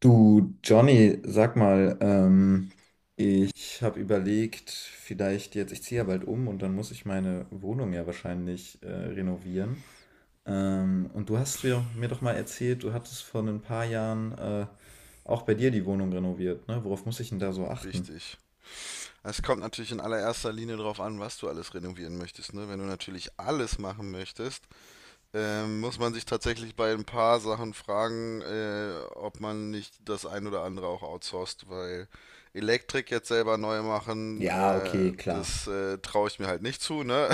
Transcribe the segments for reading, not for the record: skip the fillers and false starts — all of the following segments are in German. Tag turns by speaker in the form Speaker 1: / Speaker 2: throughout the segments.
Speaker 1: Du, Johnny, sag mal, ich habe überlegt, vielleicht jetzt, ich ziehe ja bald um und dann muss ich meine Wohnung ja wahrscheinlich renovieren. Und du hast mir doch mal erzählt, du hattest vor ein paar Jahren auch bei dir die Wohnung renoviert, ne? Worauf muss ich denn da so achten?
Speaker 2: Richtig. Es kommt natürlich in allererster Linie darauf an, was du alles renovieren möchtest. Ne? Wenn du natürlich alles machen möchtest, muss man sich tatsächlich bei ein paar Sachen fragen, ob man nicht das ein oder andere auch outsourced, weil Elektrik jetzt selber neu machen,
Speaker 1: Ja, okay, klar.
Speaker 2: das traue ich mir halt nicht zu. Ne?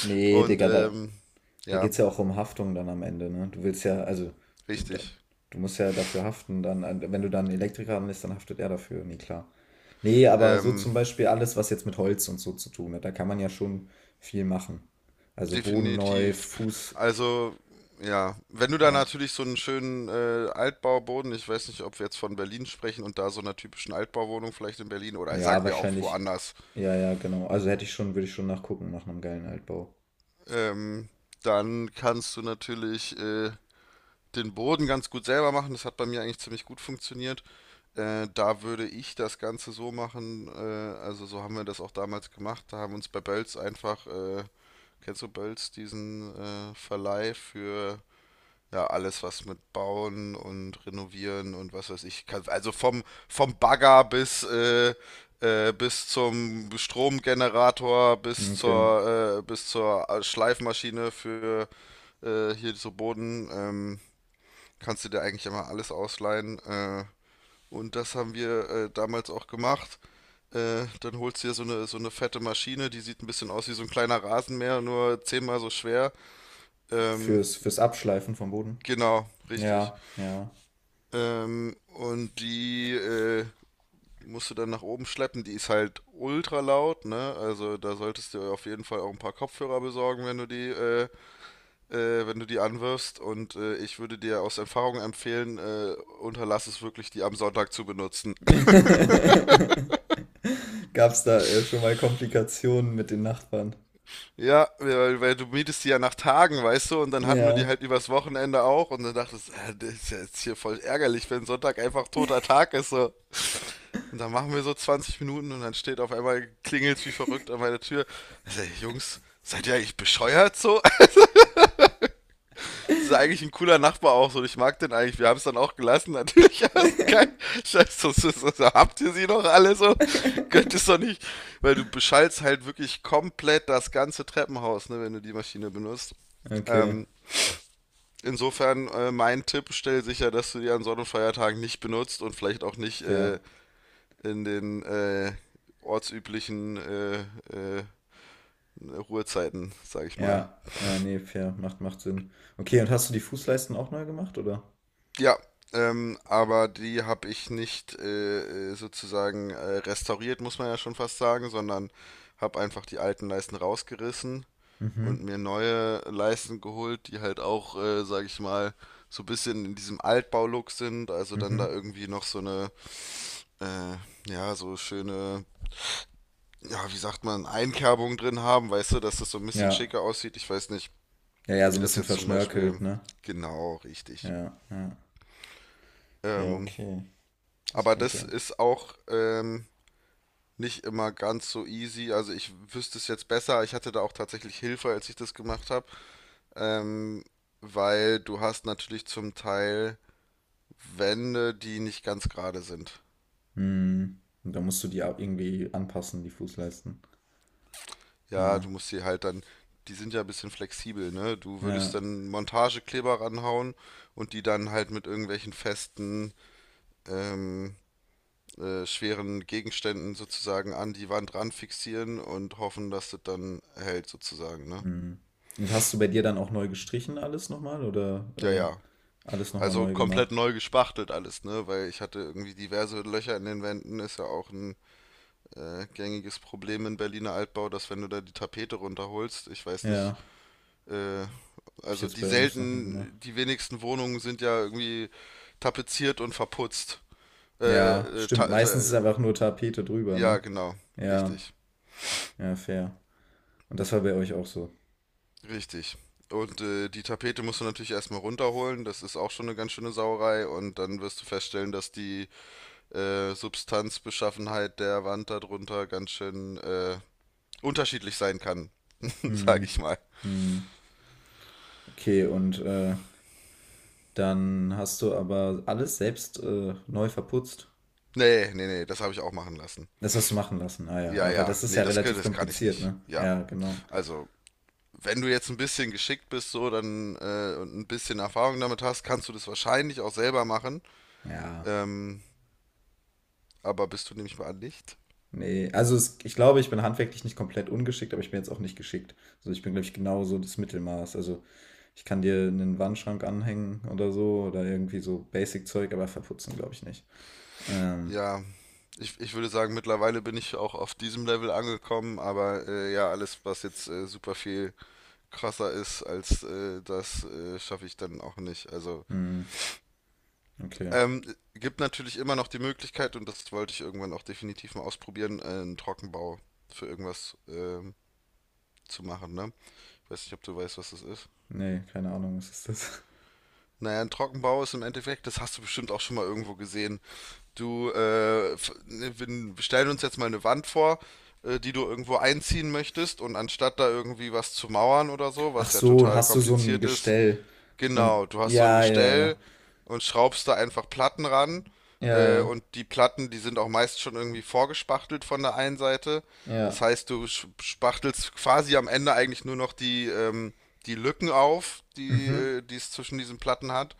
Speaker 1: Nee,
Speaker 2: Und
Speaker 1: Digga, da.
Speaker 2: ähm,
Speaker 1: Da
Speaker 2: ja,
Speaker 1: geht es ja auch um Haftung dann am Ende, ne? Du willst ja, also, du, da,
Speaker 2: richtig.
Speaker 1: du musst ja dafür haften, dann, wenn du dann einen Elektriker anlässt, dann haftet er dafür, nee, klar. Nee, aber so
Speaker 2: Ähm,
Speaker 1: zum Beispiel alles, was jetzt mit Holz und so zu tun hat, da kann man ja schon viel machen. Also Boden neu,
Speaker 2: Definitiv. Also, ja, wenn du da
Speaker 1: Lei-
Speaker 2: natürlich so einen schönen Altbauboden, ich weiß nicht, ob wir jetzt von Berlin sprechen und da so einer typischen Altbauwohnung vielleicht in Berlin oder
Speaker 1: ja,
Speaker 2: sagen wir auch
Speaker 1: wahrscheinlich,
Speaker 2: woanders,
Speaker 1: ja, ja, genau. Also hätte ich schon, würde ich schon nachgucken nach einem geilen Altbau.
Speaker 2: ähm, dann kannst du natürlich den Boden ganz gut selber machen. Das hat bei mir eigentlich ziemlich gut funktioniert. Da würde ich das Ganze so machen, also so haben wir das auch damals gemacht. Da haben uns bei Bölz einfach, kennst du Bölz, diesen Verleih für ja, alles, was mit Bauen und Renovieren und was weiß ich kann. Also vom Bagger bis, bis zum Stromgenerator,
Speaker 1: Okay.
Speaker 2: bis zur Schleifmaschine für hier so Boden, kannst du dir eigentlich immer alles ausleihen. Und das haben wir damals auch gemacht. Dann holst du dir so eine fette Maschine, die sieht ein bisschen aus wie so ein kleiner Rasenmäher, nur zehnmal so schwer. Ähm,
Speaker 1: Fürs Abschleifen vom Boden.
Speaker 2: genau, richtig.
Speaker 1: Ja, ja.
Speaker 2: Und die musst du dann nach oben schleppen. Die ist halt ultra laut, ne? Also da solltest du auf jeden Fall auch ein paar Kopfhörer besorgen, wenn du die, wenn du die anwirfst. Und ich würde dir aus Erfahrung empfehlen, unterlass es wirklich, die am Sonntag zu benutzen.
Speaker 1: Gab es da schon mal Komplikationen mit den Nachbarn?
Speaker 2: Ja, weil du mietest die ja nach Tagen, weißt du, und dann hatten wir die
Speaker 1: Ja,
Speaker 2: halt übers Wochenende auch und dann dachtest, das ist ja jetzt hier voll ärgerlich, wenn Sonntag einfach toter Tag ist so. Und dann machen wir so 20 Minuten und dann steht auf einmal, klingelt's wie verrückt an meiner Tür. Also, ey, Jungs, seid ihr eigentlich bescheuert so? Das ist eigentlich ein cooler Nachbar auch so und ich mag den eigentlich. Wir haben es dann auch gelassen, natürlich, aber ist geil. Scheiße, so, so, so, so, habt ihr sie noch alle so? Könnt es doch nicht, weil du beschallst halt wirklich komplett das ganze Treppenhaus, ne, wenn du die Maschine benutzt.
Speaker 1: okay,
Speaker 2: Ähm, insofern mein Tipp, stell sicher, dass du die an Sonn- und Feiertagen nicht benutzt und vielleicht auch nicht
Speaker 1: fair.
Speaker 2: in den ortsüblichen äh, Ruhezeiten, sag ich mal.
Speaker 1: Ja, ja, nee, fair, macht Sinn. Okay, und hast du die Fußleisten auch neu gemacht, oder?
Speaker 2: Ja, aber die habe ich nicht sozusagen restauriert, muss man ja schon fast sagen, sondern habe einfach die alten Leisten rausgerissen und
Speaker 1: Mhm,
Speaker 2: mir neue Leisten geholt, die halt auch, sag ich mal, so ein bisschen in diesem Altbau-Look sind. Also dann da
Speaker 1: mhm.
Speaker 2: irgendwie noch so eine Äh, ja, so schöne, ja, wie sagt man, Einkerbungen drin haben, weißt du, dass das so ein bisschen
Speaker 1: Ja,
Speaker 2: schicker aussieht. Ich weiß nicht,
Speaker 1: ja, ja, so
Speaker 2: wie
Speaker 1: ein
Speaker 2: das
Speaker 1: bisschen
Speaker 2: jetzt zum
Speaker 1: verschnörkelt,
Speaker 2: Beispiel
Speaker 1: ne?
Speaker 2: genau richtig.
Speaker 1: Ja, ja. Ja,
Speaker 2: Ähm,
Speaker 1: okay, das
Speaker 2: aber
Speaker 1: klingt ja
Speaker 2: das
Speaker 1: eigentlich.
Speaker 2: ist auch nicht immer ganz so easy. Also ich wüsste es jetzt besser. Ich hatte da auch tatsächlich Hilfe, als ich das gemacht habe. Ähm, weil du hast natürlich zum Teil Wände, die nicht ganz gerade sind.
Speaker 1: Hm. Und da musst du die auch irgendwie anpassen, die Fußleisten.
Speaker 2: Ja, du
Speaker 1: Ja,
Speaker 2: musst sie halt dann, die sind ja ein bisschen flexibel, ne? Du würdest
Speaker 1: ja.
Speaker 2: dann Montagekleber ranhauen und die dann halt mit irgendwelchen festen, ähm, schweren Gegenständen sozusagen an die Wand ran fixieren und hoffen, dass das dann hält sozusagen, ne?
Speaker 1: Hm. Und hast du bei dir dann auch neu gestrichen alles nochmal oder
Speaker 2: Ja, ja.
Speaker 1: alles nochmal
Speaker 2: Also
Speaker 1: neu
Speaker 2: komplett
Speaker 1: gemacht?
Speaker 2: neu gespachtelt alles, ne? Weil ich hatte irgendwie diverse Löcher in den Wänden, ist ja auch ein gängiges Problem in Berliner Altbau, dass wenn du da die Tapete runterholst, ich weiß nicht,
Speaker 1: Ja.
Speaker 2: äh,
Speaker 1: Hab ich
Speaker 2: also
Speaker 1: jetzt bei uns noch nie gemacht.
Speaker 2: die wenigsten Wohnungen sind ja irgendwie tapeziert und verputzt. Äh,
Speaker 1: Ja,
Speaker 2: ta
Speaker 1: stimmt.
Speaker 2: ta
Speaker 1: Meistens ist einfach nur Tapete drüber,
Speaker 2: ja,
Speaker 1: ne?
Speaker 2: genau,
Speaker 1: Ja,
Speaker 2: richtig,
Speaker 1: ja, fair. Und das war bei euch auch so.
Speaker 2: richtig. Und die Tapete musst du natürlich erstmal runterholen, das ist auch schon eine ganz schöne Sauerei und dann wirst du feststellen, dass die Substanzbeschaffenheit der Wand darunter ganz schön unterschiedlich sein kann, sag
Speaker 1: Hm,
Speaker 2: ich mal.
Speaker 1: hm. Okay, und dann hast du aber alles selbst neu verputzt.
Speaker 2: Nee, nee, nee, das habe ich auch machen lassen.
Speaker 1: Das hast du machen lassen. Ah ja,
Speaker 2: Ja,
Speaker 1: ja, weil
Speaker 2: ja,
Speaker 1: das ist
Speaker 2: nee,
Speaker 1: ja relativ
Speaker 2: das kann ich
Speaker 1: kompliziert,
Speaker 2: nicht.
Speaker 1: ne?
Speaker 2: Ja,
Speaker 1: Ja, genau.
Speaker 2: also wenn du jetzt ein bisschen geschickt bist, so, dann und ein bisschen Erfahrung damit hast, kannst du das wahrscheinlich auch selber machen.
Speaker 1: Ja,
Speaker 2: Ähm, aber bist du nämlich mal nicht?
Speaker 1: nee. Also es, ich glaube, ich bin handwerklich nicht komplett ungeschickt, aber ich bin jetzt auch nicht geschickt. Also ich bin, glaube ich, genau so das Mittelmaß. Also ich kann dir einen Wandschrank anhängen oder so oder irgendwie so Basic-Zeug, aber verputzen glaube ich nicht. Ähm,
Speaker 2: Ja, ich würde sagen, mittlerweile bin ich auch auf diesem Level angekommen, aber ja, alles, was jetzt super viel krasser ist als das, schaffe ich dann auch nicht. Also,
Speaker 1: hm, okay.
Speaker 2: ähm, gibt natürlich immer noch die Möglichkeit, und das wollte ich irgendwann auch definitiv mal ausprobieren, einen Trockenbau für irgendwas zu machen, ne? Ich weiß nicht, ob du weißt, was das ist.
Speaker 1: Nee, keine Ahnung, was ist das?
Speaker 2: Naja, ein Trockenbau ist im Endeffekt, das hast du bestimmt auch schon mal irgendwo gesehen. Du, wir stellen uns jetzt mal eine Wand vor, die du irgendwo einziehen möchtest und anstatt da irgendwie was zu mauern oder so,
Speaker 1: Ach
Speaker 2: was ja
Speaker 1: so,
Speaker 2: total
Speaker 1: hast du so ein
Speaker 2: kompliziert ist,
Speaker 1: Gestell und
Speaker 2: genau, du hast so ein
Speaker 1: ja, ja, ja.
Speaker 2: Gestell und schraubst da einfach Platten ran.
Speaker 1: Ja, ja,
Speaker 2: Und die Platten, die sind auch meist schon irgendwie vorgespachtelt von der einen Seite. Das
Speaker 1: ja.
Speaker 2: heißt, spachtelst quasi am Ende eigentlich nur noch die, die Lücken auf, die,
Speaker 1: Mhm.
Speaker 2: die es zwischen diesen Platten hat.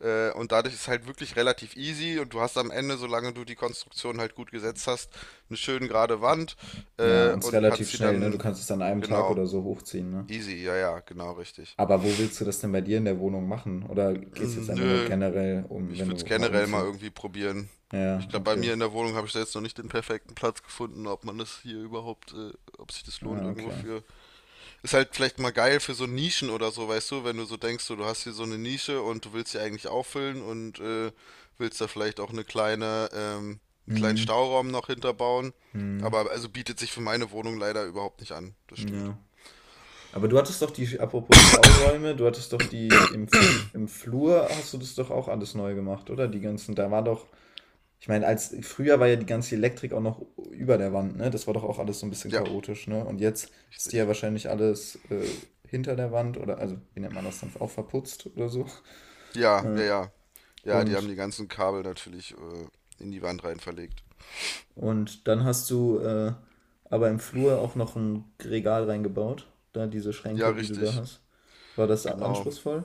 Speaker 2: Und dadurch ist halt wirklich relativ easy und du hast am Ende, solange du die Konstruktion halt gut gesetzt hast, eine schön gerade Wand
Speaker 1: Ja, und es ist
Speaker 2: und kannst
Speaker 1: relativ
Speaker 2: sie
Speaker 1: schnell, ne? Du
Speaker 2: dann,
Speaker 1: kannst es an einem Tag
Speaker 2: genau,
Speaker 1: oder so hochziehen, ne?
Speaker 2: easy, ja, ja, genau richtig.
Speaker 1: Aber wo willst du das denn bei dir in der Wohnung machen? Oder geht es jetzt
Speaker 2: Mm,
Speaker 1: einfach nur
Speaker 2: nö,
Speaker 1: generell um,
Speaker 2: ich
Speaker 1: wenn
Speaker 2: würde es
Speaker 1: du mal
Speaker 2: generell mal
Speaker 1: umziehst?
Speaker 2: irgendwie probieren. Ich
Speaker 1: Ja,
Speaker 2: glaube, bei
Speaker 1: okay.
Speaker 2: mir in der Wohnung habe ich da jetzt noch nicht den perfekten Platz gefunden, ob man das hier überhaupt, ob sich das lohnt
Speaker 1: Ah,
Speaker 2: irgendwo
Speaker 1: okay.
Speaker 2: für. Ist halt vielleicht mal geil für so Nischen oder so, weißt du, wenn du so denkst, so, du hast hier so eine Nische und du willst sie eigentlich auffüllen und willst da vielleicht auch eine kleine, einen kleinen
Speaker 1: Mhm.
Speaker 2: Stauraum noch hinterbauen.
Speaker 1: Mhm.
Speaker 2: Aber also bietet sich für meine Wohnung leider überhaupt nicht an. Das stimmt.
Speaker 1: Ja. Aber du hattest doch die, apropos Stauräume, du hattest doch die im, F- im Flur, hast du das doch auch alles neu gemacht, oder? Die ganzen, da war doch, ich meine, als früher war ja die ganze Elektrik auch noch über der Wand, ne? Das war doch auch alles so ein bisschen
Speaker 2: Ja,
Speaker 1: chaotisch, ne? Und jetzt ist die ja
Speaker 2: richtig.
Speaker 1: wahrscheinlich alles hinter der Wand oder, also, wie nennt man das dann, auch verputzt oder so.
Speaker 2: Ja, ja,
Speaker 1: Äh,
Speaker 2: ja. Ja, die haben
Speaker 1: und,
Speaker 2: die ganzen Kabel natürlich in die Wand rein verlegt.
Speaker 1: und dann hast du aber im Flur auch noch ein Regal reingebaut, da diese
Speaker 2: Ja,
Speaker 1: Schränke, die du da
Speaker 2: richtig.
Speaker 1: hast. War das
Speaker 2: Genau.
Speaker 1: anspruchsvoll?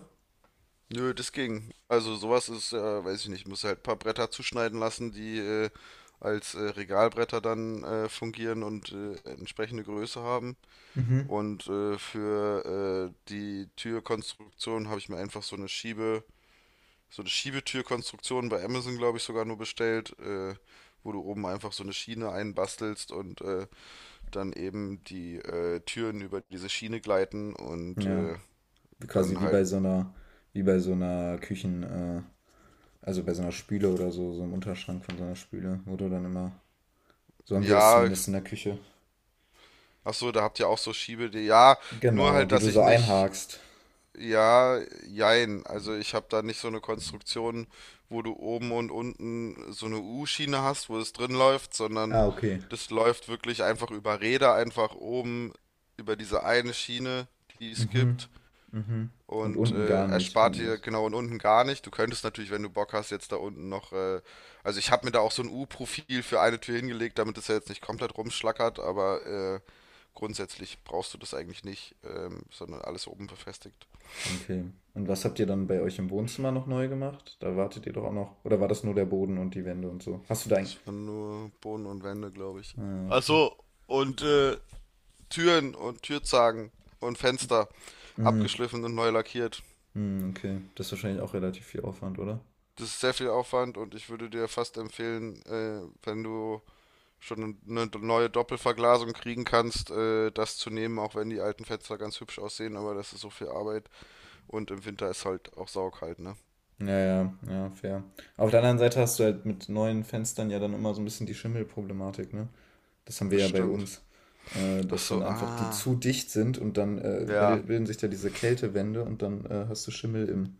Speaker 2: Nö, das ging. Also sowas ist, weiß ich nicht, muss halt ein paar Bretter zuschneiden lassen, die als Regalbretter dann fungieren und entsprechende Größe haben.
Speaker 1: Mhm.
Speaker 2: Und für die Türkonstruktion habe ich mir einfach so eine Schiebetürkonstruktion bei Amazon, glaube ich, sogar nur bestellt, wo du oben einfach so eine Schiene einbastelst und dann eben die Türen über diese Schiene gleiten und
Speaker 1: Ja. Quasi
Speaker 2: dann
Speaker 1: wie
Speaker 2: halt,
Speaker 1: bei so einer, wie bei so einer Küchen, also bei so einer Spüle oder so, so einem Unterschrank von so einer Spüle, wo du dann immer. So haben wir das
Speaker 2: ja,
Speaker 1: zumindest in der Küche.
Speaker 2: ach so, da habt ihr auch so Schiebe, die, ja, nur
Speaker 1: Genau,
Speaker 2: halt,
Speaker 1: die
Speaker 2: dass
Speaker 1: du
Speaker 2: ich
Speaker 1: so
Speaker 2: nicht,
Speaker 1: einhakst.
Speaker 2: ja, jein, also ich habe da nicht so eine Konstruktion, wo du oben und unten so eine U-Schiene hast, wo es drin läuft, sondern
Speaker 1: Ah, okay.
Speaker 2: das läuft wirklich einfach über Räder, einfach oben über diese eine Schiene, die es
Speaker 1: Mhm.
Speaker 2: gibt
Speaker 1: Mhm. Und
Speaker 2: und
Speaker 1: unten gar nicht.
Speaker 2: erspart
Speaker 1: Unten
Speaker 2: dir
Speaker 1: ist.
Speaker 2: genau und unten gar nicht. Du könntest natürlich, wenn du Bock hast, jetzt da unten noch, also ich habe mir da auch so ein U-Profil für eine Tür hingelegt, damit es ja jetzt nicht komplett rumschlackert, aber grundsätzlich brauchst du das eigentlich nicht, sondern alles oben befestigt.
Speaker 1: Okay. Und was habt ihr dann bei euch im Wohnzimmer noch neu gemacht? Da wartet ihr doch auch noch. Oder war das nur der Boden und die Wände und so? Hast du da ein.
Speaker 2: Das waren nur Boden und Wände, glaube ich.
Speaker 1: Ah,
Speaker 2: Ach
Speaker 1: okay.
Speaker 2: so, und Türen und Türzagen und Fenster
Speaker 1: Mm,
Speaker 2: abgeschliffen und neu lackiert.
Speaker 1: mm, okay. Das ist wahrscheinlich auch relativ viel Aufwand, oder?
Speaker 2: Das ist sehr viel Aufwand und ich würde dir fast empfehlen, wenn du schon eine neue Doppelverglasung kriegen kannst, das zu nehmen, auch wenn die alten Fenster ganz hübsch aussehen, aber das ist so viel Arbeit und im Winter ist halt auch saukalt, ne?
Speaker 1: Ja, ja, ja, fair. Auf der anderen Seite hast du halt mit neuen Fenstern ja dann immer so ein bisschen die Schimmelproblematik, ne? Das haben wir
Speaker 2: Das
Speaker 1: ja bei
Speaker 2: stimmt.
Speaker 1: uns.
Speaker 2: Ach
Speaker 1: Dass dann
Speaker 2: so,
Speaker 1: einfach die
Speaker 2: ah.
Speaker 1: zu dicht sind und dann
Speaker 2: Ja,
Speaker 1: bilden sich da diese Kältewände und dann hast du Schimmel im,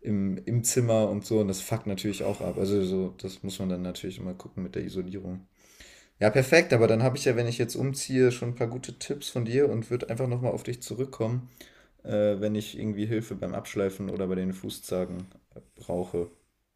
Speaker 1: im, im Zimmer und so und das fuckt natürlich auch ab. Also so, das muss man dann natürlich immer gucken mit der Isolierung. Ja, perfekt, aber dann habe ich ja, wenn ich jetzt umziehe, schon ein paar gute Tipps von dir und würde einfach nochmal auf dich zurückkommen, wenn ich irgendwie Hilfe beim Abschleifen oder bei den Fußzagen brauche.